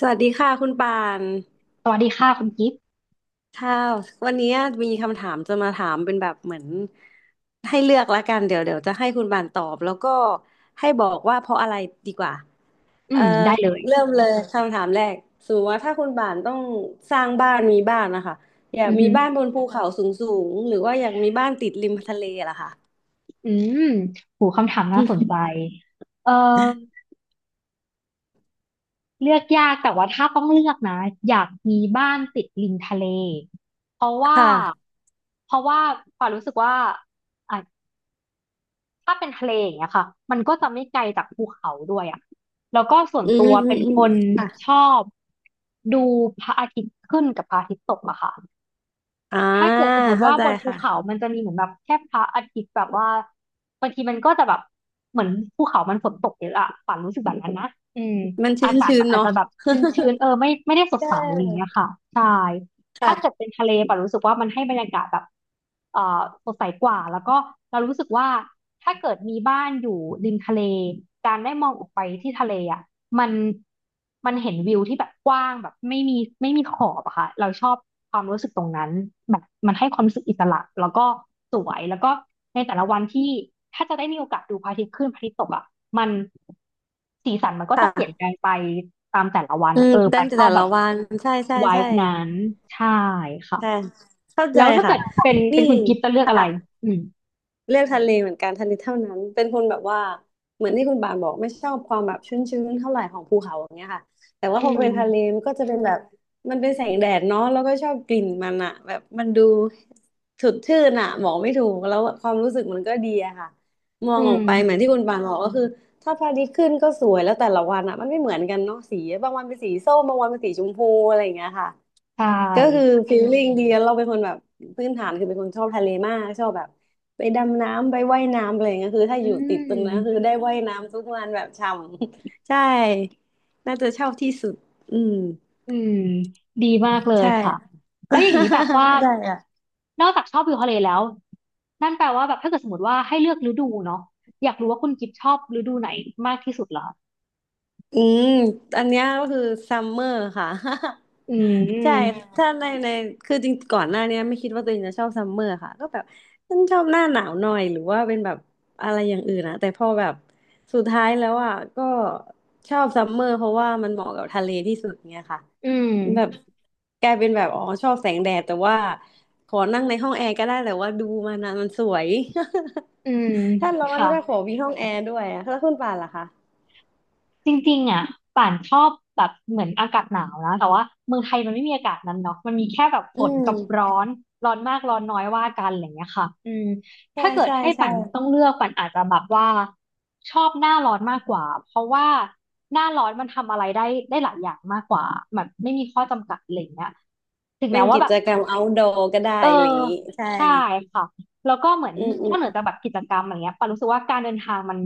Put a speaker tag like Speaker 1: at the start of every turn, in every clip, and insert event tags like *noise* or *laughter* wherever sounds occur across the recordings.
Speaker 1: สวัสดีค่ะคุณปาน
Speaker 2: สวัสดีค่ะคุณกิฟต์
Speaker 1: ค่ะวันนี้มีคำถามจะมาถามเป็นแบบเหมือนให้เลือกละกันเดี๋ยวจะให้คุณปานตอบแล้วก็ให้บอกว่าเพราะอะไรดีกว่า
Speaker 2: อื
Speaker 1: เอ่อ
Speaker 2: มได้เลย
Speaker 1: เริ่มเลยคำถามแรกสมมติว่าถ้าคุณปานต้องสร้างบ้านมีบ้านนะคะอยาก
Speaker 2: อือ
Speaker 1: มี
Speaker 2: หือ
Speaker 1: บ้านบนภูเขาสูงสูงหรือว่าอยากมีบ้านติดริมทะเลล่ะค่ะ
Speaker 2: อืมหูคำถามน่าสนใจเอ่อเลือกยากแต่ว่าถ้าต้องเลือกนะอยากมีบ้านติดริมทะเลเพราะ
Speaker 1: *laughs*
Speaker 2: ว่า
Speaker 1: ค่ะ
Speaker 2: เพราะว่าปารู้สึกว่าอ่ะถ้าเป็นทะเลอย่างเงี้ยค่ะมันก็จะไม่ไกลจากภูเขาด้วยอ่ะแล้วก็ส่วน
Speaker 1: อื
Speaker 2: ตั
Speaker 1: มอื
Speaker 2: วเป็
Speaker 1: ม
Speaker 2: น
Speaker 1: อืม
Speaker 2: คน
Speaker 1: ค่ะ
Speaker 2: ชอบดูพระอาทิตย์ขึ้นกับพระอาทิตย์ตกอะค่ะ
Speaker 1: อ่า
Speaker 2: ถ้าเกิดสมมติ
Speaker 1: เข้า
Speaker 2: ว่า
Speaker 1: ใจ
Speaker 2: บนภู
Speaker 1: ค่ะ
Speaker 2: เขามันจะมีเหมือนแบบแค่พระอาทิตย์แบบว่าบางทีมันก็จะแบบเหมือนภูเขามันฝนตกเยอะอะป่านรู้สึกแบบนั้นนะอืม
Speaker 1: มัน
Speaker 2: อา
Speaker 1: ชื้น
Speaker 2: กาศ
Speaker 1: ชื้
Speaker 2: มั
Speaker 1: น
Speaker 2: นอาจ
Speaker 1: เนาะ
Speaker 2: จะแบบชื้นๆเออไม่ได้สดใสอย่างเงี้ยค่ะ ใช่ ถ้า
Speaker 1: ค่ะ
Speaker 2: เกิดเป็นทะเลป่ะรู้สึกว่ามันให้บรรยากาศแบบเอ่อสดใสกว่าแล้วก็เรารู้สึกว่าถ้าเกิดมีบ้านอยู่ริมทะเลการได้มองออกไปที่ทะเลอ่ะมันมันเห็นวิวที่แบบกว้างแบบไม่มีขอบอะค่ะเราชอบความรู้สึกตรงนั้นแบบมันให้ความรู้สึกอิสระแล้วก็สวยแล้วก็ในแต่ละวันที่ถ้าจะได้มีโอกาสดูพระอาทิตย์ขึ้นพระอาทิตย์ตกอ่ะมันสีสันมันก็จะ
Speaker 1: ค่ะ
Speaker 2: เปลี่ยนแปลงไปตามแต่ละวัน
Speaker 1: อืม
Speaker 2: เออ
Speaker 1: เต้
Speaker 2: ปั
Speaker 1: น
Speaker 2: นชอ
Speaker 1: แต่
Speaker 2: บแบ
Speaker 1: ละ
Speaker 2: บ
Speaker 1: วันใช่ใช่
Speaker 2: ไว
Speaker 1: ใช่
Speaker 2: บ์นั้นใช่ค่ะ
Speaker 1: ใช่เข้า
Speaker 2: แล้
Speaker 1: ใจ
Speaker 2: วถ้า
Speaker 1: ค่ะ
Speaker 2: เกิดเป็นเป็
Speaker 1: นี่
Speaker 2: นคุณกิฟต์จะเลือกอะไรอืม
Speaker 1: เลือกทะเลเหมือนกันทะเลเท่านั้น เป็นคนแบบว่าเหมือนที่คุณบานบอกไม่ชอบความแบบชื้นๆเท่าไหร่ของภูเขาอย่างเงี้ยค่ะแต่ว่า
Speaker 2: อื
Speaker 1: พอเป็นทะเล
Speaker 2: ม
Speaker 1: มันก็จะเป็นแบบมันเป็นแสงแดดเนาะแล้วก็ชอบกลิ่นมันอะแบบมันดูสดชื่นอะบอกไม่ถูกแล้วความรู้สึกมันก็ดีอะค่ะมอ
Speaker 2: อื
Speaker 1: งออกไปเหมือน
Speaker 2: ม
Speaker 1: ที่คุณบานบอกก็คือถ้าพระอาทิตย์ขึ้นก็สวยแล้วแต่ละวันอะมันไม่เหมือนกันเนาะสีบางวันเป็นสีส้มบางวันเป็นสีชมพูอะไรอย่างเงี้ยค่ะ
Speaker 2: ใช
Speaker 1: ก็คือ
Speaker 2: ่
Speaker 1: ฟีลลิ่งดีแล้วเราเป็นคนแบบพื้นฐานคือเป็นคนชอบทะเลมากชอบแบบไปดำน้ำไปว่ายน้ำอะไรอย่างเงี้ยคือถ้าอ
Speaker 2: อื
Speaker 1: ยู่ติดตรงนั้นคือได้
Speaker 2: ม
Speaker 1: ว่ายน้ำทุกวันแบบฉ่ำ *laughs* ใช่น่าจะชอบที่สุดอืม
Speaker 2: อืมดีมากเลย
Speaker 1: ใช่
Speaker 2: ค่ะแล้วอย่างนี้แบบว่า
Speaker 1: *laughs* ได้ค่ะ
Speaker 2: นอกจากชอบวิวทะเลแล้วนั่นแปลว่าแบบถ้าเกิดสมมติว่าให้เลือกฤดูเนาะอยากรู้ว่าคุณกิฟต์ชอบฤดูไหนมากที่สุดเหรอ
Speaker 1: อืมอันเนี้ยก็คือซัมเมอร์ค่ะ
Speaker 2: อื
Speaker 1: *laughs* ใช่
Speaker 2: ม
Speaker 1: มถ้าในคือจริงก่อนหน้าเนี้ยไม่คิดว่าตัวเองจะชอบซัมเมอร์ค่ะก็แบบฉันชอบหน้าหนาวหน่อยหรือว่าเป็นแบบอะไรอย่างอื่นนะแต่พอแบบสุดท้ายแล้วอ่ะก็ชอบซัมเมอร์เพราะว่ามันเหมาะกับทะเลที่สุดเนี้ยค่ะ
Speaker 2: อืม
Speaker 1: แบบกลายเป็นแบบอ๋อชอบแสงแดดแต่ว่าขอนั่งในห้องแอร์ก็ได้แต่ว่าดูมันนะมันสวย
Speaker 2: อืม
Speaker 1: *laughs* ถ้าร้อน
Speaker 2: ค่ะ
Speaker 1: ก็ขอมีห้องแอร์ด้วยอะแล้วคุณป่านล่ะคะ
Speaker 2: จริงๆอ่ะป่านชอบแบบเหมือนอากาศหนาวนะแต่ว่าเมืองไทยมันไม่มีอากาศนั้นเนาะมันมีแค่แบบฝ
Speaker 1: อื
Speaker 2: น
Speaker 1: ม
Speaker 2: กับร้อนร้อนมากร้อนน้อยว่ากันอะไรอย่างเงี้ยค่ะอืม
Speaker 1: ใช่
Speaker 2: ถ้าเกิด
Speaker 1: ใช่
Speaker 2: ให้
Speaker 1: ใช่
Speaker 2: ป่านต้องเลือกป่านอาจจะแบบว่าชอบหน้าร้อนมากกว่าเพราะว่าหน้าร้อนมันทำอะไรได้หลายอย่างมากกว่าแบบไม่มีข้อจำกัดอะไรอย่างเงี้ยถึง
Speaker 1: เป็
Speaker 2: แม้
Speaker 1: น
Speaker 2: ว่า
Speaker 1: กิ
Speaker 2: แบบ
Speaker 1: จกรรม outdoor ก็ได้
Speaker 2: เออ
Speaker 1: อะไรอย่างนี้ใช่
Speaker 2: ใช่ค่ะแล้วก็เหมือน
Speaker 1: อืมอื
Speaker 2: นอ
Speaker 1: ม
Speaker 2: กเหนือจากแบบกิจกรรมอะไรเงี้ยปารู้สึกว่าการเดินทางมัน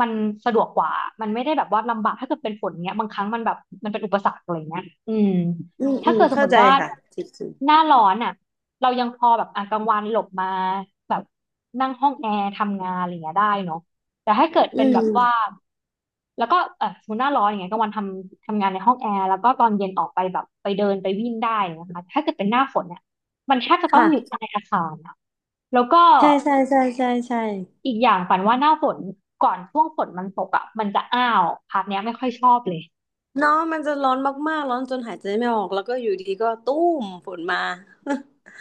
Speaker 2: มันสะดวกกว่ามันไม่ได้แบบว่าลำบากถ้าเกิดเป็นฝนเงี้ยบางครั้งมันแบบมันเป็นอุปสรรคอะไรเงี้ยอืม
Speaker 1: อืมอื
Speaker 2: ถ้า
Speaker 1: ม
Speaker 2: เกิดสม
Speaker 1: เข้า
Speaker 2: ม
Speaker 1: ใจ
Speaker 2: ติว่า
Speaker 1: ค่ะจริง
Speaker 2: หน้าร้อนอ่ะเรายังพอแบบอ่ะกลางวันหลบมาแบบนั่งห้องแอร์ทำงานอะไรเงี้ยได้เนาะแต่ถ้าเกิด
Speaker 1: ๆอื
Speaker 2: เป็นแบบ
Speaker 1: ม
Speaker 2: ว่าแล้วก็เออสมมติหน้าร้อนอย่างเงี้ยกลางวันทำงานในห้องแอร์แล้วก็ตอนเย็นออกไปแบบไปเดินไปวิ่งได้นะคะถ้าเกิดเป็นหน้าฝนเนี่ย มันแทบจะต้อง
Speaker 1: ค่ะ
Speaker 2: อยู่ใต้อาคารอะแล้วก็
Speaker 1: ใช่ใช่ใช่ใช่ใช่
Speaker 2: อีกอย่างปันว่าหน้าฝนก่อนช่วงฝนมันตกอ่ะมันจะอ้าวพาร์ทเนี้ยไม่ค่อยชอบเลย
Speaker 1: เนาะมันจะร้อนมากๆร้อนจนหายใจไม่ออกแล้วก็อยู่ดีก็ตุ้มฝนมา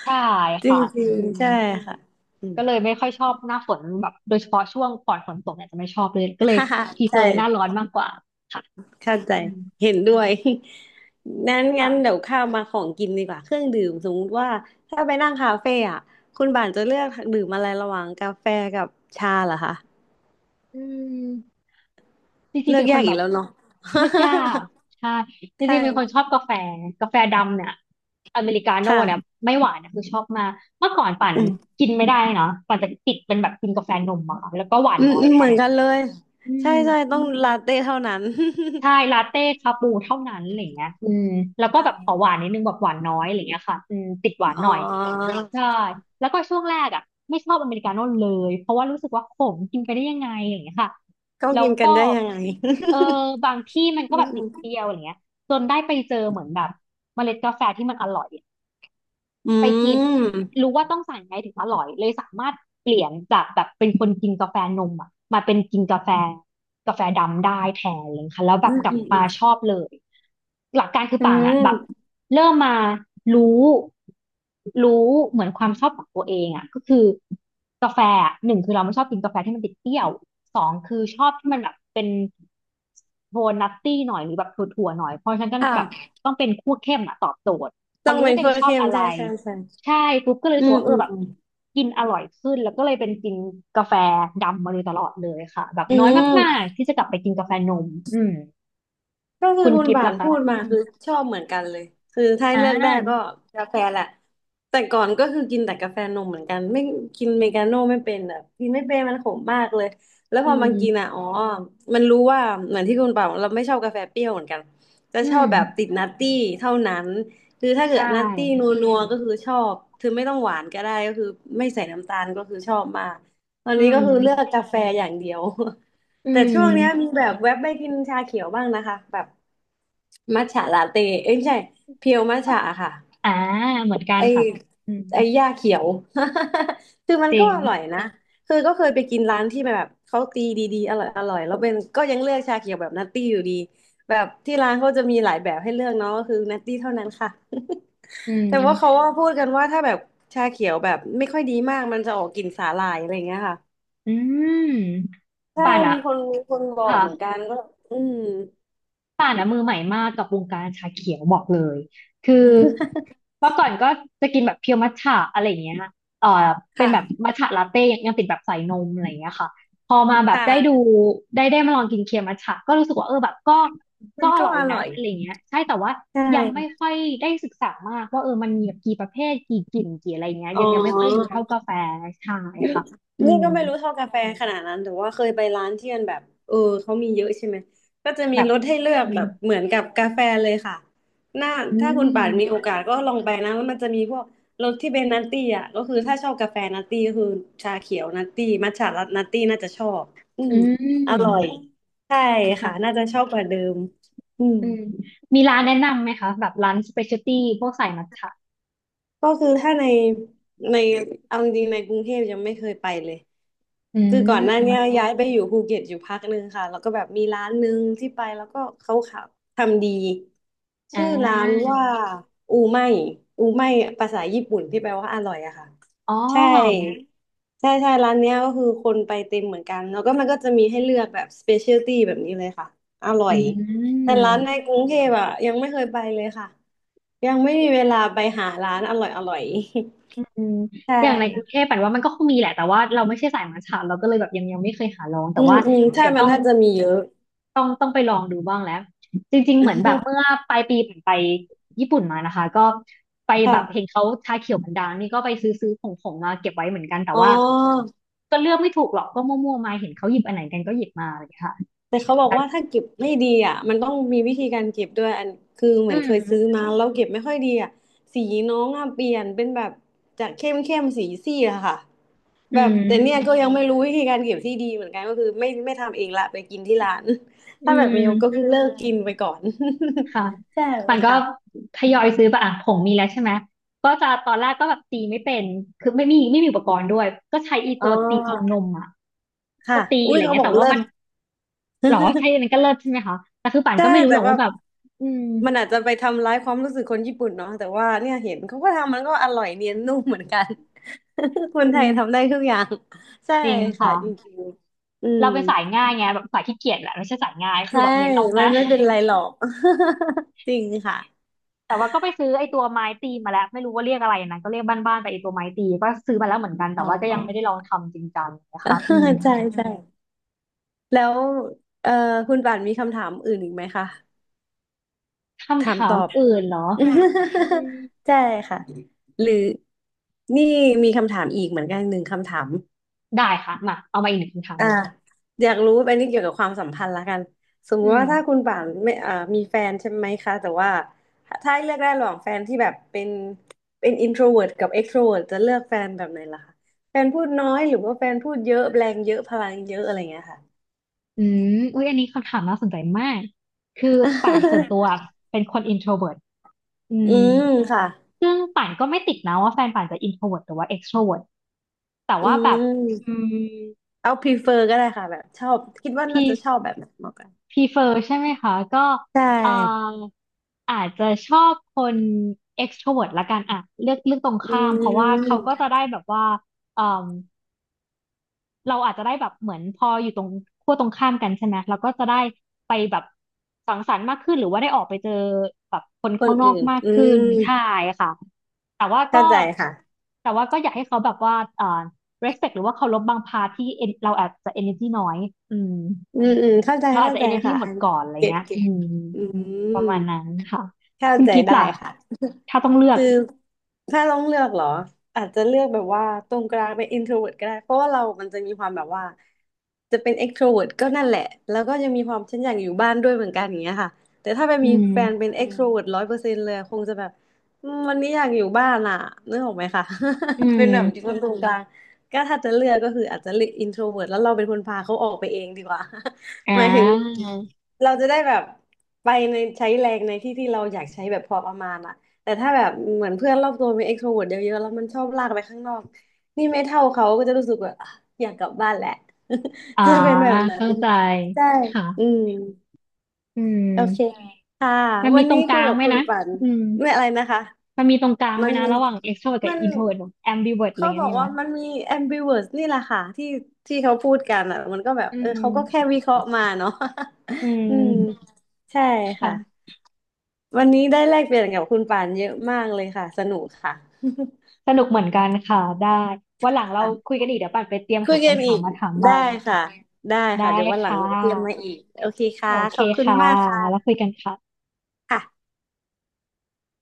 Speaker 2: ใช่
Speaker 1: *laughs* จร
Speaker 2: ค่ะอื
Speaker 1: ิง
Speaker 2: ม
Speaker 1: ๆใช่ค่ะอืม
Speaker 2: ก็เลยไม่ค่อยชอบหน้าฝนแบบโดยเฉพาะช่วงก่อนฝนตกเนี่ยจะไม่ชอบเลยก็เล
Speaker 1: *laughs*
Speaker 2: ย
Speaker 1: ฮ่าฮ่า
Speaker 2: พรีเฟอ
Speaker 1: ใช่
Speaker 2: ร์หน้าร้อนมากกว่าค่ะ
Speaker 1: เข้าใจ
Speaker 2: อืม
Speaker 1: เห็นด้วย *laughs* นั้นงั้
Speaker 2: ค่ะ
Speaker 1: นเดี๋ยวข้ามมาของกินดีกว่าเครื่องดื่มสมมติว่าถ้าไปนั่งคาเฟ่อะคุณบ่านจะเลือกดื่มอะไรระหว่างกาแฟกับชาเหรอคะ
Speaker 2: อืม จริง
Speaker 1: เลื
Speaker 2: ๆ
Speaker 1: อ
Speaker 2: เป็
Speaker 1: ก
Speaker 2: นค
Speaker 1: ยา
Speaker 2: น
Speaker 1: ก
Speaker 2: แบ
Speaker 1: อีก
Speaker 2: บ
Speaker 1: แล้วเนาะ
Speaker 2: เลือกยากใช่จ
Speaker 1: *laughs* ใช่
Speaker 2: ริงๆเป็นคนชอบกาแฟกาแฟดำเนี่ยอเมริกาโน่
Speaker 1: ค่ะ
Speaker 2: เนี่ยไม่หวานนะคือชอบมากเมื่อก่อนปั่น
Speaker 1: อืม
Speaker 2: กินไม่ได้นะปั่นจะติดเป็นแบบกินกาแฟนมอะค่ะแล้วก็หวาน
Speaker 1: อืม
Speaker 2: น้อย
Speaker 1: อืม
Speaker 2: แท
Speaker 1: เหมือน
Speaker 2: น
Speaker 1: กันเลย
Speaker 2: อื
Speaker 1: ใช่
Speaker 2: ม
Speaker 1: ใช่ต้องลาเต้เท่านั้น
Speaker 2: ใช่ลาเต้คาปูเท่านั้นอะไรเงี้ยอืมแล้ว
Speaker 1: *laughs*
Speaker 2: ก็
Speaker 1: ใช่
Speaker 2: แบบขอหวานนิดนึงแบบหวานน้อยอะไรเงี้ยค่ะอืมติดหวาน
Speaker 1: อ๋อ
Speaker 2: หน่อยใช่แล้วก็ช่วงแรกอ่ะไม่ชอบอเมริกาโน่เลยเพราะว่ารู้สึกว่าขมกินไปได้ยังไงอย่างเงี้ยค่ะ
Speaker 1: ก็
Speaker 2: แล้ว
Speaker 1: กินกั
Speaker 2: ก็
Speaker 1: นได้ยังไง
Speaker 2: เออบางที่มัน
Speaker 1: *laughs* อื
Speaker 2: ก็แบบติดเป
Speaker 1: ม
Speaker 2: รี้ยวอะไรเงี้ยจนได้ไปเจอเหมือนแบบเมล็ดกาแฟที่มันอร่อย ไปกิน
Speaker 1: *laughs*
Speaker 2: รู้ว่าต้องสั่งยังไงถึงอร่อยเลยสามารถเปลี่ยนจากแบบเป็นคนกินกาแฟนมอ่ะมาเป็นกินกาแฟกาแฟดำได้แทนเลยค่ะแล้วแบ
Speaker 1: อื
Speaker 2: บ
Speaker 1: ม
Speaker 2: กลั
Speaker 1: อื
Speaker 2: บ
Speaker 1: มอื
Speaker 2: มา
Speaker 1: มอื
Speaker 2: ช
Speaker 1: ม
Speaker 2: อบเลยหลักการคือ
Speaker 1: อื
Speaker 2: ป่านอ่ะแบบ
Speaker 1: ม
Speaker 2: เริ่มมารู้รู้เหมือนความชอบของตัวเองอ่ะก็คือกาแฟอะหนึ่งคือเราไม่ชอบกินกาแฟที่มันติดเปรี้ยวสองคือชอบที่มันแบบเป็นโทนนัตตี้หน่อยหรือแบบถั่วๆหน่อยเพราะฉะนั้นก็แบบ
Speaker 1: ค่ะ
Speaker 2: ต้องเป็นคั่วเข้มอ่ะตอบโจทย์พอ
Speaker 1: ต้อง
Speaker 2: รู้
Speaker 1: เป็น
Speaker 2: ตัวเอ
Speaker 1: คั่
Speaker 2: ง
Speaker 1: ว
Speaker 2: ชอบ
Speaker 1: เข้ม
Speaker 2: อะไร
Speaker 1: ใช่ใช่ใช่
Speaker 2: ใช่ปุ๊บก็เลย
Speaker 1: อื
Speaker 2: รู้สึก
Speaker 1: ม
Speaker 2: ว่าเอ
Speaker 1: อื
Speaker 2: อ
Speaker 1: ม
Speaker 2: แบบ
Speaker 1: อืม
Speaker 2: กินอร่อยขึ้นแล้วก็เลยเป็นกินกาแฟดำมาโดยตลอดเลยค่ะแบบ
Speaker 1: อื
Speaker 2: น้อยมาก
Speaker 1: ม
Speaker 2: ๆที่จะกลับไปกินกาแฟนมอืม
Speaker 1: ก็คือ
Speaker 2: คุณ
Speaker 1: คุณ
Speaker 2: กิฟต์
Speaker 1: บ่าน
Speaker 2: ล่ะคะ
Speaker 1: พูดมา
Speaker 2: อืม
Speaker 1: คือชอบเหมือนกันเลยคือถ้า
Speaker 2: อ่
Speaker 1: เลือกได้ก็
Speaker 2: า
Speaker 1: กาแฟแหละแต่ก่อนก็คือกินแต่กาแฟนมเหมือนกันไม่กินเมกาโน่ไม่เป็นแบบกินไม่เป็นมันขมมากเลยแล้วพ
Speaker 2: อื
Speaker 1: อมันกินอ่ะ
Speaker 2: ม
Speaker 1: อ๋อมันรู้ว่าเหมือนที่คุณบ่าวเราไม่ชอบกาแฟเปรี้ยวเหมือนกันจะ
Speaker 2: อื
Speaker 1: ชอ
Speaker 2: ม
Speaker 1: บแบบติดนัตตี้เท่านั้นคือถ้าเกิ
Speaker 2: ใช่
Speaker 1: ดนัตตี้นัวๆก็คือชอบคือไม่ต้องหวานก็ได้ก็คือไม่ใส่น้ำตาลก็คือชอบมากตอน
Speaker 2: อื
Speaker 1: นี้ก็คือเลือ
Speaker 2: ม
Speaker 1: กกาแฟอย่างเดียว
Speaker 2: อื
Speaker 1: แต่ช่วงเนี้ยมี
Speaker 2: ม
Speaker 1: แบบแวบไปกินชาเขียวบ้างนะคะแบบมัทฉะลาเต้เอ้ยไม่ใช่เพียวมัทฉะอะค่ะ
Speaker 2: อ่าเหมือนกัน
Speaker 1: ไอ
Speaker 2: ค่ะอืม
Speaker 1: ไอหญ้าเขียว *laughs* คือมัน
Speaker 2: จริ
Speaker 1: ก็
Speaker 2: ง
Speaker 1: อร่อยนะคือก็เคยไปกินร้านที่แบบเขาตีดีๆอร่อยอร่อยแล้วเป็นก็ยังเลือกชาเขียวแบบนัตตี้อยู่ดีแบบที่ร้านเขาจะมีหลายแบบให้เลือกเนาะก็คือนัตตี้เท่านั้นค่ะ
Speaker 2: อื
Speaker 1: *laughs* แต่ว่าเขา
Speaker 2: ม
Speaker 1: ว่าพูดกันว่าถ้าแบบชาเขียวแบบไม่ค่อยดีมากมันจะออกกลิ่นสาหร่ายอะไรอย่างเงี้ยค่ะ
Speaker 2: อืม
Speaker 1: ใช่
Speaker 2: ป่านอะ
Speaker 1: มีคนมีคนบอก
Speaker 2: ค่ะ
Speaker 1: เหมือนกันก็อืม
Speaker 2: ป่านอะมือใหม่มากกับวงการชาเขียวบอกเลยคือเมื่อก่อนก็จะกินแบบเพียวมัทฉะอะไรอย่างเงี้ยเอ่อเป็นแบบ
Speaker 1: ค่ะ
Speaker 2: มัทฉะลาเต้ยังติดแบบใส่นมอะไรอย่างเงี้ยค่ะพอมาแบบได้ดู
Speaker 1: ค่ะ
Speaker 2: ได้มาลองกินเคียวมัทฉะก็รู้สึกว่าเออแบบก็
Speaker 1: มั
Speaker 2: ก็
Speaker 1: น
Speaker 2: อ
Speaker 1: ก็
Speaker 2: ร่อย
Speaker 1: อร่
Speaker 2: นะ
Speaker 1: อย
Speaker 2: อะไรอย่างเงี้ยใช่แต่ว่า
Speaker 1: ใช
Speaker 2: ยังไม่
Speaker 1: ่
Speaker 2: ค่อยได้ศึกษามากว่าเออมันมีแบบกี่ประเภทกี่กลิ่นกี่อะไรอย่างเงี้ย
Speaker 1: อ๋อ
Speaker 2: ยังไม่ค่อยรู้เท่ากาแฟใช่
Speaker 1: นี่
Speaker 2: ค่ะอื
Speaker 1: นี่
Speaker 2: ม
Speaker 1: ก็ไม่รู้เท่ากาแฟขนาดนั้นแต่ว่าเคยไปร้านที่มันแบบเออเขามีเยอะใช่ไหมก็จะมี
Speaker 2: แบบ
Speaker 1: รสให้เลื
Speaker 2: อื
Speaker 1: อก
Speaker 2: ม
Speaker 1: แบบเหมือนกับกาแฟเลยค่ะน่า
Speaker 2: อื
Speaker 1: ถ้าคุณป่านมีโอ
Speaker 2: ม
Speaker 1: กาสก็ลองไปนะแล้วมันจะมีพวกรสที่เป็นนัตตี้อ่ะก็คือถ้าชอบกาแฟนัตตี้ก็คือชาเขียวนัตตี้มัทฉะนัตตี้น่าจะชอบอื
Speaker 2: อื
Speaker 1: มอร่อย
Speaker 2: ม
Speaker 1: ใช่ค่ะ
Speaker 2: ค่ะ
Speaker 1: น่าจะชอบกว่าเดิมอืม
Speaker 2: อืมมีร้านแนะนำไหมคะแบบร้านสเปเชียลตี้พวกสายมัทฉะ
Speaker 1: ก็คือถ้าในเอาจริงๆในกรุงเทพยังไม่เคยไปเลย
Speaker 2: อื
Speaker 1: คือก่อนหน้า
Speaker 2: ม
Speaker 1: เนี้ยย้ายไปอยู่ภูเก็ตอยู่พักหนึ่งค่ะแล้วก็แบบมีร้านหนึ่งที่ไปแล้วก็เขาขับทำดี
Speaker 2: อ่า
Speaker 1: ชื่อร้านว่าอูไม่อูไม่ภาษาญี่ปุ่นที่แปลว่าอร่อยอะค่ะ
Speaker 2: อ๋อ
Speaker 1: ใช่ใช่ใช่ร้านเนี้ยก็คือคนไปเต็มเหมือนกันแล้วก็มันก็จะมีให้เลือกแบบสเปเชียลตี้แบบนี้เลยค่ะอร่อ
Speaker 2: อื
Speaker 1: ยแต่
Speaker 2: ม
Speaker 1: ร้านในกรุงเทพอะยังไม่เคยไปเลยค่ะ ยังไม่มีเวลาไปหาร้านอร่อยอร่อย
Speaker 2: อืม
Speaker 1: *laughs* ใช่
Speaker 2: อย่างในกรุงเทพแปลว่ามันก็คงมีแหละ แต่ว่าเราไม่ใช่สายมัทฉะเราก็เลยแบบยังไม่เคยหาลอง แต่
Speaker 1: อืม
Speaker 2: ว่า
Speaker 1: อืมใช่
Speaker 2: เดี๋ยว
Speaker 1: มั
Speaker 2: ต้อ
Speaker 1: น
Speaker 2: ง
Speaker 1: น่าจะมีเยอะ
Speaker 2: ต้องต้องไปลองดูบ้างแล้ว จริงๆ เหมือนแบบเมื่อ
Speaker 1: *laughs*
Speaker 2: ปลายปีผมไปญี่ปุ่นมานะคะ ก็ไปแบบเห็น
Speaker 1: ค่ะ
Speaker 2: เขาชาเขียวมันดังนี่ก็ไปซื้อผงมาเก็บไว้เหมือนกันแต่
Speaker 1: อ๋
Speaker 2: ว่า
Speaker 1: อ
Speaker 2: ก็เลือกไม่ถูกหรอกก็มั่วๆมาเห็นเขาหยิบอันไหนกันก็หยิบมาอะไรอย่างเงี้ยค่ะ
Speaker 1: แต่เขาบอกว่าถ้าเก็บไม่ดีอ่ะมันต้องมีวิธีการเก็บด้วยอันคือเห
Speaker 2: อื
Speaker 1: มือนเคยซื้อ
Speaker 2: ม
Speaker 1: มาแล้วเก็บไม่ค่อยดีอ่ะสีน้องอ่ะเปลี่ยนเป็นแบบจากเข้มเข้มสีซีดอะค่ะ
Speaker 2: อื
Speaker 1: แบบแต่เนี่ยก็
Speaker 2: ม
Speaker 1: ยังไม่รู้วิธีการเก็บที่ดีเหมือนกันก็คือไม่ทำเองละไปกินที่ร้าน *laughs*
Speaker 2: อื
Speaker 1: ถ้าแบบมีก็คือ
Speaker 2: ม
Speaker 1: เลิกกินไปก่อน *laughs*
Speaker 2: ค่ะ
Speaker 1: ใช่
Speaker 2: มั
Speaker 1: ไหม
Speaker 2: นก็
Speaker 1: ค่ะ
Speaker 2: ทยอยซื้อไปอ่ะผงมีแล้วใช่ไหมก็จะตอนแรกก็แบบตีไม่เป็นคือไม่มีอุปกรณ์ด้วยก็ใช้อี
Speaker 1: อ๋
Speaker 2: ตั
Speaker 1: อ
Speaker 2: วตีฟองนมอ่ะ
Speaker 1: ค่ะ
Speaker 2: ก็ตี
Speaker 1: อุ้
Speaker 2: อะ
Speaker 1: ย
Speaker 2: ไร
Speaker 1: เขา
Speaker 2: เงี้ย
Speaker 1: บอก
Speaker 2: แต่ว่า
Speaker 1: เลิ
Speaker 2: มั
Speaker 1: ศ
Speaker 2: นหรอใช้มัน
Speaker 1: *laughs*
Speaker 2: ก็เลิศใช่ไหมคะแต่คือป่าน
Speaker 1: ใช่
Speaker 2: ก็ไม่รู้ห
Speaker 1: แต่
Speaker 2: รอก
Speaker 1: ว่า
Speaker 2: ว่าแบบอืม
Speaker 1: มันอาจจะไปทำร้ายความรู้สึกคนญี่ปุ่นเนาะแต่ว่าเนี่ยเห็นเขาก็ทำมันก็อร่อยเนียนนุ่มเหมือนกัน *laughs* ค
Speaker 2: อื
Speaker 1: นไทย
Speaker 2: ม
Speaker 1: ทำได้ทุกอย่างใช่
Speaker 2: จริง
Speaker 1: ค่ะ
Speaker 2: ค่ะ
Speaker 1: จริงๆอืม
Speaker 2: เราเป็นสายง่ายไงแบบสายขี้เกียจแหละไม่ใช่สายง่ายคือ
Speaker 1: ใช่
Speaker 2: แบบเน้นเอา
Speaker 1: มั
Speaker 2: ง่า
Speaker 1: นไม่เป็น
Speaker 2: ย
Speaker 1: ไรหรอก *laughs* จริงค่ะ
Speaker 2: แต่ว่าก็ไปซื้อไอ้ตัวไม้ตีมาแล้วไม่รู้ว่าเรียกอะไรนะก็เรียกบ้านๆไปไอ้ตัวไม้ตีก็ซื้อมาแล้วเหมือนกันแต่
Speaker 1: อ๋
Speaker 2: ว่าก็
Speaker 1: อ
Speaker 2: ยังไม่ได้ลองทำจริงจังนะคะ
Speaker 1: *laughs*
Speaker 2: อืม
Speaker 1: ใช่ใช่แล้วเอ่อคุณป่านมีคำถามอื่นอีกไหมคะถา
Speaker 2: คำ
Speaker 1: มต
Speaker 2: ถาม
Speaker 1: อบ
Speaker 2: อื่นเหรออืม
Speaker 1: *laughs* ใช่ค่ะหรือนี่มีคำถามอีกเหมือนกันหนึ่งคำถาม
Speaker 2: ได้ค่ะมาเอามาอีกหนึ่งคำถาม
Speaker 1: อ่า
Speaker 2: เลย
Speaker 1: อยากรู้อันนี้เกี่ยวกับความสัมพันธ์ละกันสม
Speaker 2: อื
Speaker 1: มุติ
Speaker 2: ม
Speaker 1: ว่าถ้าคุณป่านไม่อ่ามีแฟนใช่ไหมคะแต่ว่าถ้าให้เลือกได้ระหว่างแฟนที่แบบเป็น introvert กับ extrovert จะเลือกแฟนแบบไหนล่ะคะแฟนพูดน้อยหรือว่าแฟนพูดเยอะแรงเยอะพลังเยอะอะไรเงี้ยค่ะ
Speaker 2: อืมอุ้ยอันนี้คำถามน่าสนใจมากคือป่านส่วนตัวเป็นคน introvert อื
Speaker 1: *laughs* อื
Speaker 2: ม
Speaker 1: มค่ะ
Speaker 2: ซึ่งป่านก็ไม่ติดนะว่าแฟนป่านจะ introvert หรือว่า extrovert แต่
Speaker 1: อื
Speaker 2: ว่าแบบอื
Speaker 1: ม
Speaker 2: ม
Speaker 1: เอา prefer ก็ได้ค่ะแบบชอบคิดว่าน่า
Speaker 2: พี่
Speaker 1: จะชอบแบบไหนมากกว่า
Speaker 2: พ r เฟอร์ใช่ไหมคะก็
Speaker 1: ใช
Speaker 2: เอ่อ
Speaker 1: ่
Speaker 2: อาจจะชอบคน extrovert ละกันอ่ะเลือกตรง
Speaker 1: อื
Speaker 2: ข้ามเพราะว่าเขาก็
Speaker 1: ม
Speaker 2: จะได้แบบว่าเอ่มเราอาจจะได้แบบเหมือนพออยู่ตรงขั้วตรงข้ามกันใช่ไหมเราก็จะได้สังสรรค์มากขึ้นหรือว่าได้ออกไปเจอแบบคน
Speaker 1: ค
Speaker 2: ข้า
Speaker 1: น
Speaker 2: งนอ
Speaker 1: อื่
Speaker 2: ก
Speaker 1: น
Speaker 2: มาก
Speaker 1: อื
Speaker 2: ขึ้น
Speaker 1: ม
Speaker 2: ใช่ค่ะแต่ว่า
Speaker 1: เข้า
Speaker 2: ก็
Speaker 1: ใจค่ะ
Speaker 2: แต่ว่าก็อยากให้เขาแบบว่าrespect หรือว่าเคารพบางพาร์ทที่ เราอาจจะ energy น้อยอืม
Speaker 1: อืมอืมเข้าใจ
Speaker 2: เราอาจ
Speaker 1: เข้า
Speaker 2: จะ
Speaker 1: ใจ
Speaker 2: energy
Speaker 1: ค่ะ
Speaker 2: หม
Speaker 1: อั
Speaker 2: ด
Speaker 1: นนี้
Speaker 2: ก่อนอะไร
Speaker 1: เก็ต
Speaker 2: เงี้ย
Speaker 1: เก็
Speaker 2: อื
Speaker 1: ต
Speaker 2: ม
Speaker 1: อื
Speaker 2: ป
Speaker 1: ม
Speaker 2: ระมาณนั้นค่ะ
Speaker 1: เข้า
Speaker 2: คุณ
Speaker 1: ใจ
Speaker 2: กิฟต์
Speaker 1: ได้
Speaker 2: ล่ะ
Speaker 1: ค่ะ
Speaker 2: ถ้าต้องเลือก
Speaker 1: คือถ้าต้องเลือกเหรออาจจะเลือกแบบว่าตรงกลางเป็น introvert ก็ได้เพราะว่าเรามันจะมีความแบบว่าจะเป็น extrovert ก็นั่นแหละแล้วก็ยังมีความฉันอยากอยู่บ้านด้วยเหมือนกันอย่างเงี้ยค่ะแต่ถ้าไป
Speaker 2: อื
Speaker 1: มี
Speaker 2: ม
Speaker 1: แฟนเป็นextrovert ร้อยเปอร์เซ็นต์เลยคงจะแบบอืมวันนี้อยากอยู่บ้านอ่ะนึกออกไหมคะ
Speaker 2: อื
Speaker 1: *laughs* เป็นแบบที่อื
Speaker 2: ม
Speaker 1: คนตรมงกลางก็ถ้าจะเลือกก็คืออาจจะเลือก introvert แล้วเราเป็นคนพาเขาออกไปเองดีกว่า
Speaker 2: อ่
Speaker 1: *laughs* หมายถึง
Speaker 2: า
Speaker 1: เราจะได้แบบไปในใช้แรงในที่ที่เราอยากใช้แบบพอประมาณอะ แต่ถ้าแบบเหมือนเพื่อนรอบตัวมี extrovert เวิร์ตเยอะๆแล้วมันชอบลากไปข้างนอกนี่ไม่เท่าเขาก็จะรู้สึกว่าอ่ะอยากกลับบ้านแหละ
Speaker 2: อ่า
Speaker 1: *laughs* จะเป็นแบบนั้
Speaker 2: เข้า
Speaker 1: น
Speaker 2: ใจ
Speaker 1: ใช่
Speaker 2: ค่ะ
Speaker 1: อืม
Speaker 2: อืม
Speaker 1: โอเคค่ะ
Speaker 2: มัน
Speaker 1: วั
Speaker 2: มี
Speaker 1: น
Speaker 2: ตร
Speaker 1: นี้
Speaker 2: งก
Speaker 1: คุย
Speaker 2: ลาง
Speaker 1: กับ
Speaker 2: ไหม
Speaker 1: คุณ
Speaker 2: นะ
Speaker 1: ฝัน
Speaker 2: อืม
Speaker 1: ไม่อะไรนะคะ
Speaker 2: มันมีตรงกลางไห
Speaker 1: มั
Speaker 2: ม
Speaker 1: น
Speaker 2: นะ
Speaker 1: มี
Speaker 2: ระหว่าง extrovert กับ
Speaker 1: มัน
Speaker 2: introvert แบบ ambivert อะไร
Speaker 1: เขา
Speaker 2: เงี้
Speaker 1: บ
Speaker 2: ย
Speaker 1: อก
Speaker 2: มีไหม
Speaker 1: ว่ามันมี ambivert นี่แหละค่ะที่เขาพูดกันอ่ะมันก็แบบ
Speaker 2: อื
Speaker 1: เออเขาก็แค่
Speaker 2: ม
Speaker 1: วิเคราะห์มาเนาะ
Speaker 2: อื
Speaker 1: *laughs* อืม
Speaker 2: ม
Speaker 1: ใช่ค่ะ
Speaker 2: ค่ะ
Speaker 1: วันนี้ได้แลกเปลี่ยนกับคุณป่านเยอะมากเลยค่ะสนุกค่ะ
Speaker 2: สนุกเหมือนกันค่ะได้ วันหลังเรา
Speaker 1: ค่ะ
Speaker 2: คุยกันอีกเดี๋ยวปัดไปเตรียม
Speaker 1: คุ
Speaker 2: หา
Speaker 1: ยกัน
Speaker 2: คำ
Speaker 1: อี
Speaker 2: ถาม
Speaker 1: ก
Speaker 2: มาถาม
Speaker 1: ได้
Speaker 2: บ้าง
Speaker 1: ค่ะได้
Speaker 2: ได้
Speaker 1: ค่ะเดี๋ยววันหลั
Speaker 2: ค่
Speaker 1: งเดี๋ยวเตรียมมา
Speaker 2: ะ
Speaker 1: อีกโอเคค่ะ
Speaker 2: โอเค
Speaker 1: ขอบคุณ
Speaker 2: ค่ะ
Speaker 1: มากค่ะ
Speaker 2: แล้วคุยกันค่ะ
Speaker 1: ค่ะ